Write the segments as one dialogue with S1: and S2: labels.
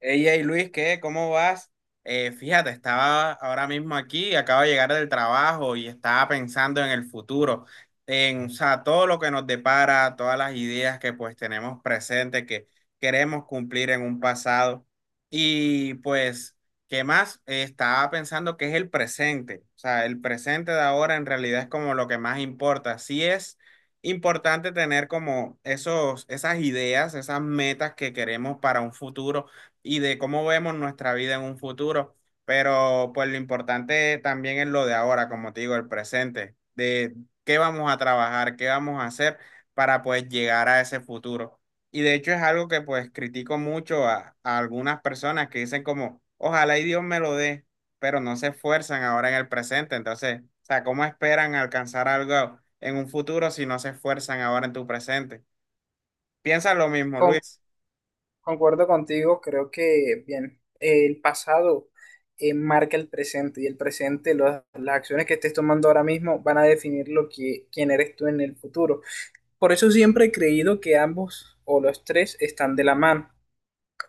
S1: Ella y Luis, ¿qué? ¿Cómo vas? Fíjate, estaba ahora mismo aquí, acabo de llegar del trabajo y estaba pensando en el futuro, o sea, todo lo que nos depara, todas las ideas que pues tenemos presentes, que queremos cumplir en un pasado. Y pues, ¿qué más? Estaba pensando que es el presente, o sea, el presente de ahora en realidad es como lo que más importa. Sí es importante tener como esas ideas, esas metas que queremos para un futuro y de cómo vemos nuestra vida en un futuro. Pero pues lo importante también es lo de ahora, como te digo, el presente, de qué vamos a trabajar, qué vamos a hacer para pues llegar a ese futuro. Y de hecho es algo que pues critico mucho a algunas personas que dicen como, ojalá y Dios me lo dé, pero no se esfuerzan ahora en el presente. Entonces, o sea, ¿cómo esperan alcanzar algo en un futuro si no se esfuerzan ahora en tu presente? Piensa lo mismo,
S2: Con-
S1: Luis.
S2: Concuerdo contigo, creo que, bien, el pasado marca el presente y el presente, las acciones que estés tomando ahora mismo van a definir lo que, quién eres tú en el futuro. Por eso siempre he creído que ambos o los tres están de la mano,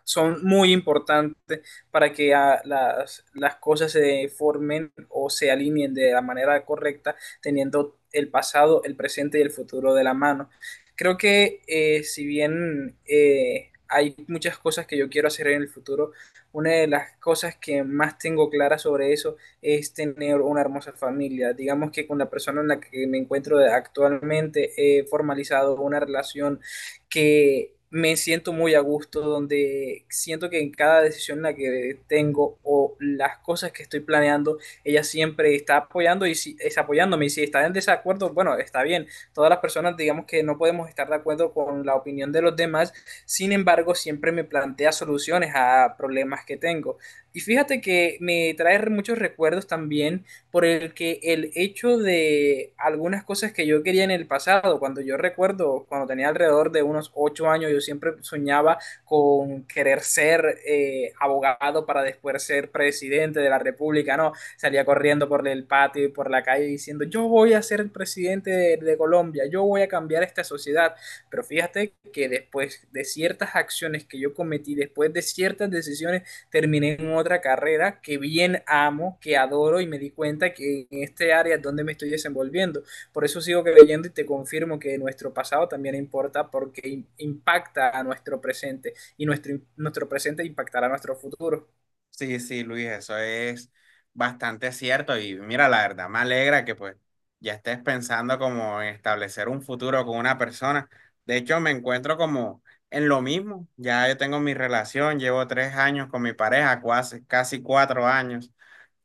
S2: son muy importantes para que las cosas se formen o se alineen de la manera correcta, teniendo el pasado, el presente y el futuro de la mano. Creo que si bien hay muchas cosas que yo quiero hacer en el futuro, una de las cosas que más tengo clara sobre eso es tener una hermosa familia. Digamos que con la persona en la que me encuentro actualmente he formalizado una relación que me siento muy a gusto, donde siento que en cada decisión en la que tengo o las cosas que estoy planeando, ella siempre está apoyando y si, es apoyándome. Y si está en desacuerdo, bueno, está bien. Todas las personas, digamos que no podemos estar de acuerdo con la opinión de los demás. Sin embargo, siempre me plantea soluciones a problemas que tengo. Y fíjate que me trae muchos recuerdos también por el que el hecho de algunas cosas que yo quería en el pasado, cuando yo recuerdo, cuando tenía alrededor de unos 8 años, yo siempre soñaba con querer ser abogado para después ser presidente de la República, ¿no? Salía corriendo por el patio y por la calle diciendo, yo voy a ser el presidente de Colombia, yo voy a cambiar esta sociedad. Pero fíjate que después de ciertas acciones que yo cometí, después de ciertas decisiones terminé en otra carrera que bien amo, que adoro y me di cuenta que en este área es donde me estoy desenvolviendo. Por eso sigo creyendo y te confirmo que nuestro pasado también importa porque impacta a nuestro presente y nuestro presente impactará a nuestro futuro.
S1: Sí, sí, Luis, eso es bastante cierto y mira, la verdad me alegra que pues ya estés pensando como en establecer un futuro con una persona. De hecho, me encuentro como en lo mismo. Ya yo tengo mi relación, llevo tres años con mi pareja, casi cuatro años.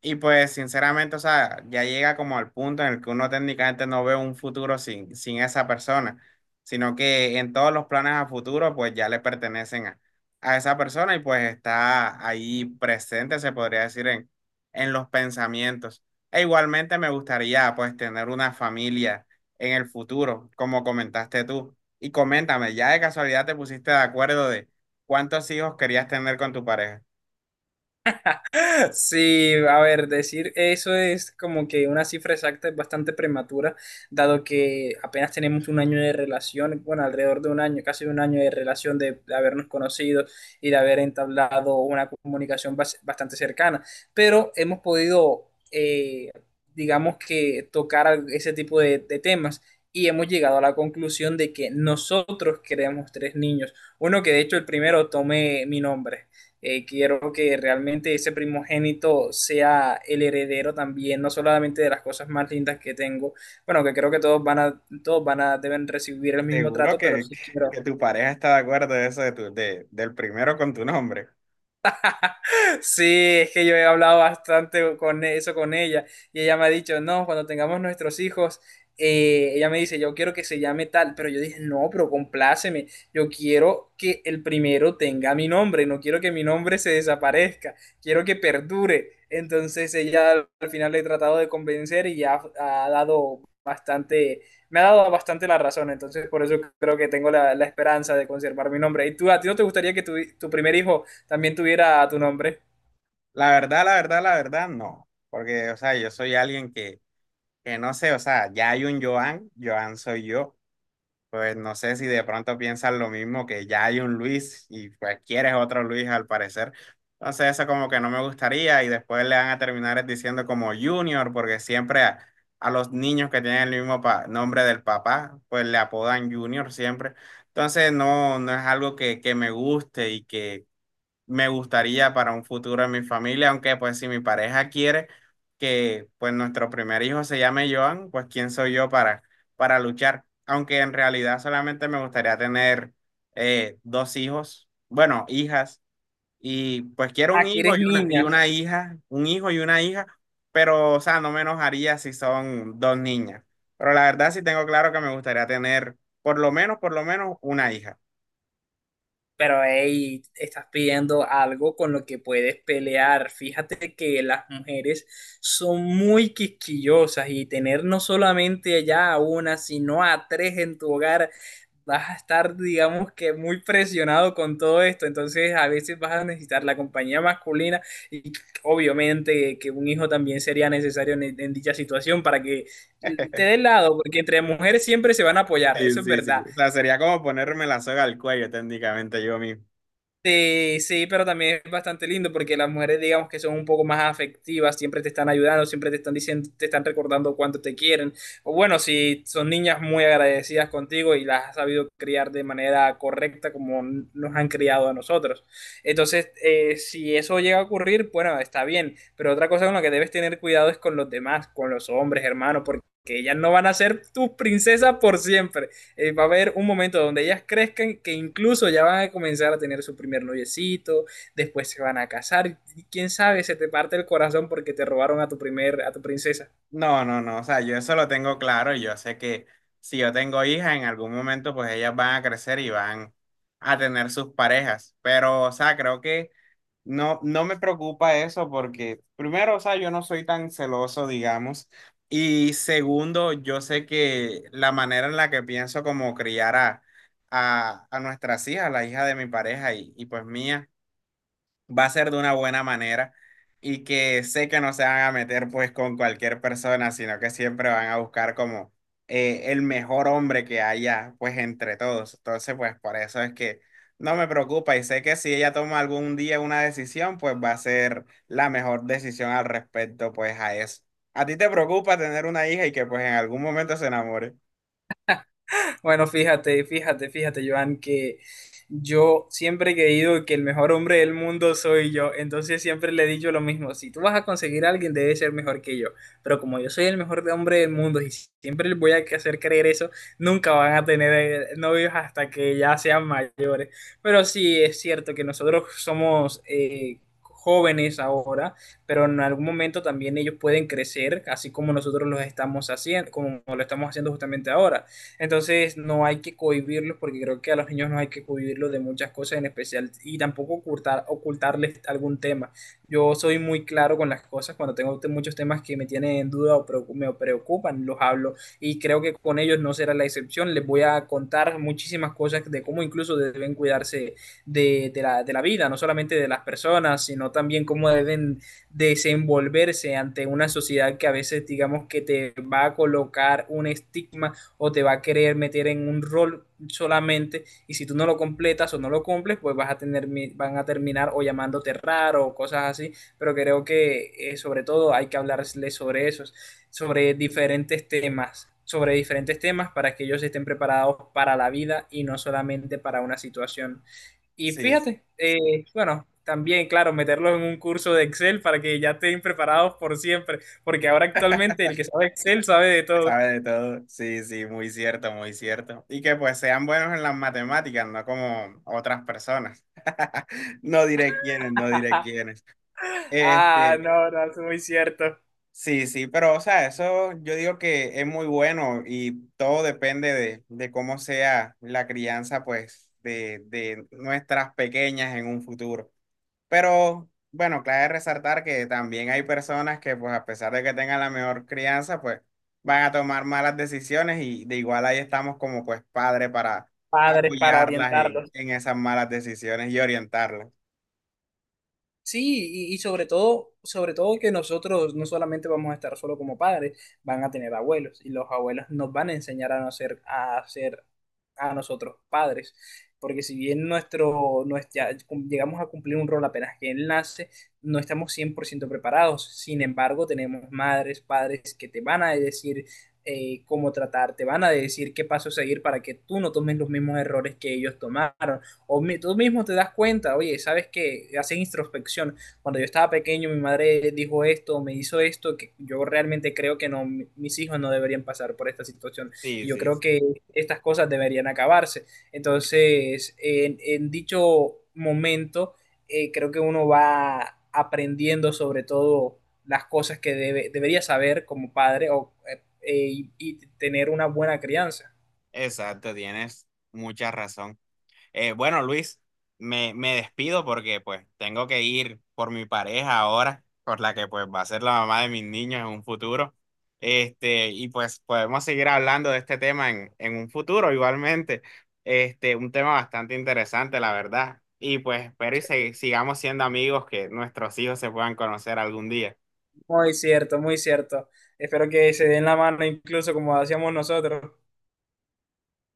S1: Y pues sinceramente, o sea, ya llega como al punto en el que uno técnicamente no ve un futuro sin esa persona, sino que en todos los planes a futuro pues ya le pertenecen a esa persona y pues está ahí presente, se podría decir, en los pensamientos. E igualmente me gustaría pues tener una familia en el futuro, como comentaste tú. Y coméntame, ¿ya de casualidad te pusiste de acuerdo de cuántos hijos querías tener con tu pareja?
S2: Sí, a ver, decir eso es como que una cifra exacta es bastante prematura, dado que apenas tenemos un año de relación, bueno, alrededor de un año, casi un año de relación de habernos conocido y de haber entablado una comunicación bastante cercana, pero hemos podido, digamos que, tocar ese tipo de temas. Y hemos llegado a la conclusión de que nosotros queremos tres niños. Uno que de hecho el primero tome mi nombre. Quiero que realmente ese primogénito sea el heredero también, no solamente de las cosas más lindas que tengo, bueno, que creo que todos van a, deben recibir el mismo
S1: Seguro
S2: trato, pero sí
S1: que
S2: quiero,
S1: tu pareja está de acuerdo de eso de del primero con tu nombre.
S2: sí, es que yo he hablado bastante con eso con ella y ella me ha dicho, no, cuando tengamos nuestros hijos, ella me dice, yo quiero que se llame tal, pero yo dije, no, pero compláceme, yo quiero que el primero tenga mi nombre, no quiero que mi nombre se desaparezca, quiero que perdure. Entonces ella al final le he tratado de convencer y ya ha dado bastante, me ha dado bastante la razón, entonces por eso creo que tengo la, la esperanza de conservar mi nombre. ¿Y tú, a ti no te gustaría que tu primer hijo también tuviera tu nombre?
S1: La verdad, la verdad, la verdad, no. Porque, o sea, yo soy alguien que no sé, o sea, ya hay un Joan, Joan soy yo. Pues no sé si de pronto piensan lo mismo, que ya hay un Luis y pues quieres otro Luis al parecer. Entonces eso como que no me gustaría y después le van a terminar diciendo como Junior, porque siempre a los niños que tienen el mismo nombre del papá, pues le apodan Junior siempre. Entonces no, no es algo que me guste y que me gustaría para un futuro en mi familia, aunque pues si mi pareja quiere que pues nuestro primer hijo se llame Joan, pues quién soy yo para luchar, aunque en realidad solamente me gustaría tener dos hijos, bueno, hijas, y pues quiero un
S2: Aquí
S1: hijo
S2: eres
S1: y
S2: niña,
S1: una hija, un hijo y una hija, pero o sea, no me enojaría si son dos niñas, pero la verdad sí tengo claro que me gustaría tener por lo menos una hija.
S2: pero hey, estás pidiendo algo con lo que puedes pelear. Fíjate que las mujeres son muy quisquillosas y tener no solamente ya a una, sino a tres en tu hogar, vas a estar, digamos que, muy presionado con todo esto. Entonces, a veces vas a necesitar la compañía masculina y obviamente que un hijo también sería necesario en dicha situación para que te dé lado, porque entre mujeres siempre se van a apoyar,
S1: Sí,
S2: eso es
S1: sí, sí.
S2: verdad.
S1: O sea, sería como ponerme la soga al cuello técnicamente yo mismo.
S2: Sí, sí, pero también es bastante lindo porque las mujeres, digamos que son un poco más afectivas, siempre te están ayudando, siempre te están diciendo, te están recordando cuánto te quieren. O bueno, si son niñas muy agradecidas contigo y las has sabido criar de manera correcta como nos han criado a nosotros. Entonces, si eso llega a ocurrir, bueno, está bien, pero otra cosa con la que debes tener cuidado es con los demás, con los hombres, hermanos, porque ellas no van a ser tus princesas por siempre, va a haber un momento donde ellas crezcan que incluso ya van a comenzar a tener su primer noviecito, después se van a casar, y quién sabe, se te parte el corazón porque te robaron a tu primer, a tu princesa.
S1: No, no, no. O sea, yo eso lo tengo claro. Yo sé que si yo tengo hijas, en algún momento pues ellas van a crecer y van a tener sus parejas. Pero, o sea, creo que no, no me preocupa eso porque, primero, o sea, yo no soy tan celoso, digamos. Y segundo, yo sé que la manera en la que pienso como criar a nuestras hijas, la hija de mi pareja y pues mía va a ser de una buena manera y que sé que no se van a meter pues con cualquier persona, sino que siempre van a buscar como el mejor hombre que haya pues entre todos. Entonces pues por eso es que no me preocupa y sé que si ella toma algún día una decisión pues va a ser la mejor decisión al respecto pues a eso. ¿A ti te preocupa tener una hija y que pues en algún momento se enamore?
S2: Bueno, fíjate, fíjate, fíjate, Joan, que yo siempre he creído que el mejor hombre del mundo soy yo, entonces siempre le he dicho lo mismo, si tú vas a conseguir a alguien debe ser mejor que yo, pero como yo soy el mejor hombre del mundo y siempre les voy a hacer creer eso, nunca van a tener novios hasta que ya sean mayores, pero sí es cierto que nosotros somos... jóvenes ahora, pero en algún momento también ellos pueden crecer, así como nosotros los estamos haciendo, como lo estamos haciendo justamente ahora. Entonces no hay que cohibirlos porque creo que a los niños no hay que cohibirlos de muchas cosas en especial y tampoco ocultar, ocultarles algún tema. Yo soy muy claro con las cosas cuando tengo muchos temas que me tienen en duda o me preocupan, los hablo y creo que con ellos no será la excepción. Les voy a contar muchísimas cosas de cómo incluso deben cuidarse de la vida, no solamente de las personas, sino también cómo deben desenvolverse ante una sociedad que a veces digamos que te va a colocar un estigma o te va a querer meter en un rol solamente y si tú no lo completas o no lo cumples, pues vas a tener, van a terminar o llamándote raro o cosas así, pero creo que sobre todo hay que hablarles sobre eso, sobre diferentes temas para que ellos estén preparados para la vida y no solamente para una situación. Y
S1: Sí.
S2: fíjate, bueno, también, claro, meterlos en un curso de Excel para que ya estén preparados por siempre, porque ahora actualmente el que sabe Excel sabe de todo.
S1: Sabe de todo. Sí, sí, muy cierto, muy cierto. Y que pues sean buenos en las matemáticas, no como otras personas. No diré quiénes, no diré quiénes.
S2: Ah,
S1: Este,
S2: no, no, es muy cierto.
S1: sí, sí, pero o sea, eso yo digo que es muy bueno y todo depende de cómo sea la crianza, pues, de nuestras pequeñas en un futuro. Pero bueno, clave resaltar que también hay personas que pues a pesar de que tengan la mejor crianza, pues van a tomar malas decisiones y de igual ahí estamos como pues padre para
S2: Padres para
S1: apoyarlas
S2: orientarlos.
S1: en esas malas decisiones y orientarlas.
S2: Sí, y sobre todo que nosotros no solamente vamos a estar solo como padres, van a tener abuelos y los abuelos nos van a enseñar a no ser, a ser a nosotros padres, porque si bien nuestro, nuestra, llegamos a cumplir un rol apenas que él nace, no estamos 100% preparados. Sin embargo, tenemos madres, padres que te van a decir cómo tratar, te van a decir qué paso seguir para que tú no tomes los mismos errores que ellos tomaron. O tú mismo te das cuenta, oye, ¿sabes que haces introspección? Cuando yo estaba pequeño, mi madre dijo esto, me hizo esto, que yo realmente creo que no, mis hijos no deberían pasar por esta situación.
S1: Sí,
S2: Y yo
S1: sí,
S2: creo
S1: sí.
S2: que estas cosas deberían acabarse. Entonces, en dicho momento, creo que uno va aprendiendo sobre todo las cosas que debería saber como padre o, y tener una buena crianza.
S1: Exacto, tienes mucha razón. Bueno, Luis, me despido porque pues tengo que ir por mi pareja ahora, por la que pues va a ser la mamá de mis niños en un futuro. Este, y pues podemos seguir hablando de este tema en un futuro igualmente. Este, un tema bastante interesante, la verdad. Y pues espero y sigamos siendo amigos, que nuestros hijos se puedan conocer algún día.
S2: Muy cierto, muy cierto. Espero que se den la mano incluso como hacíamos nosotros.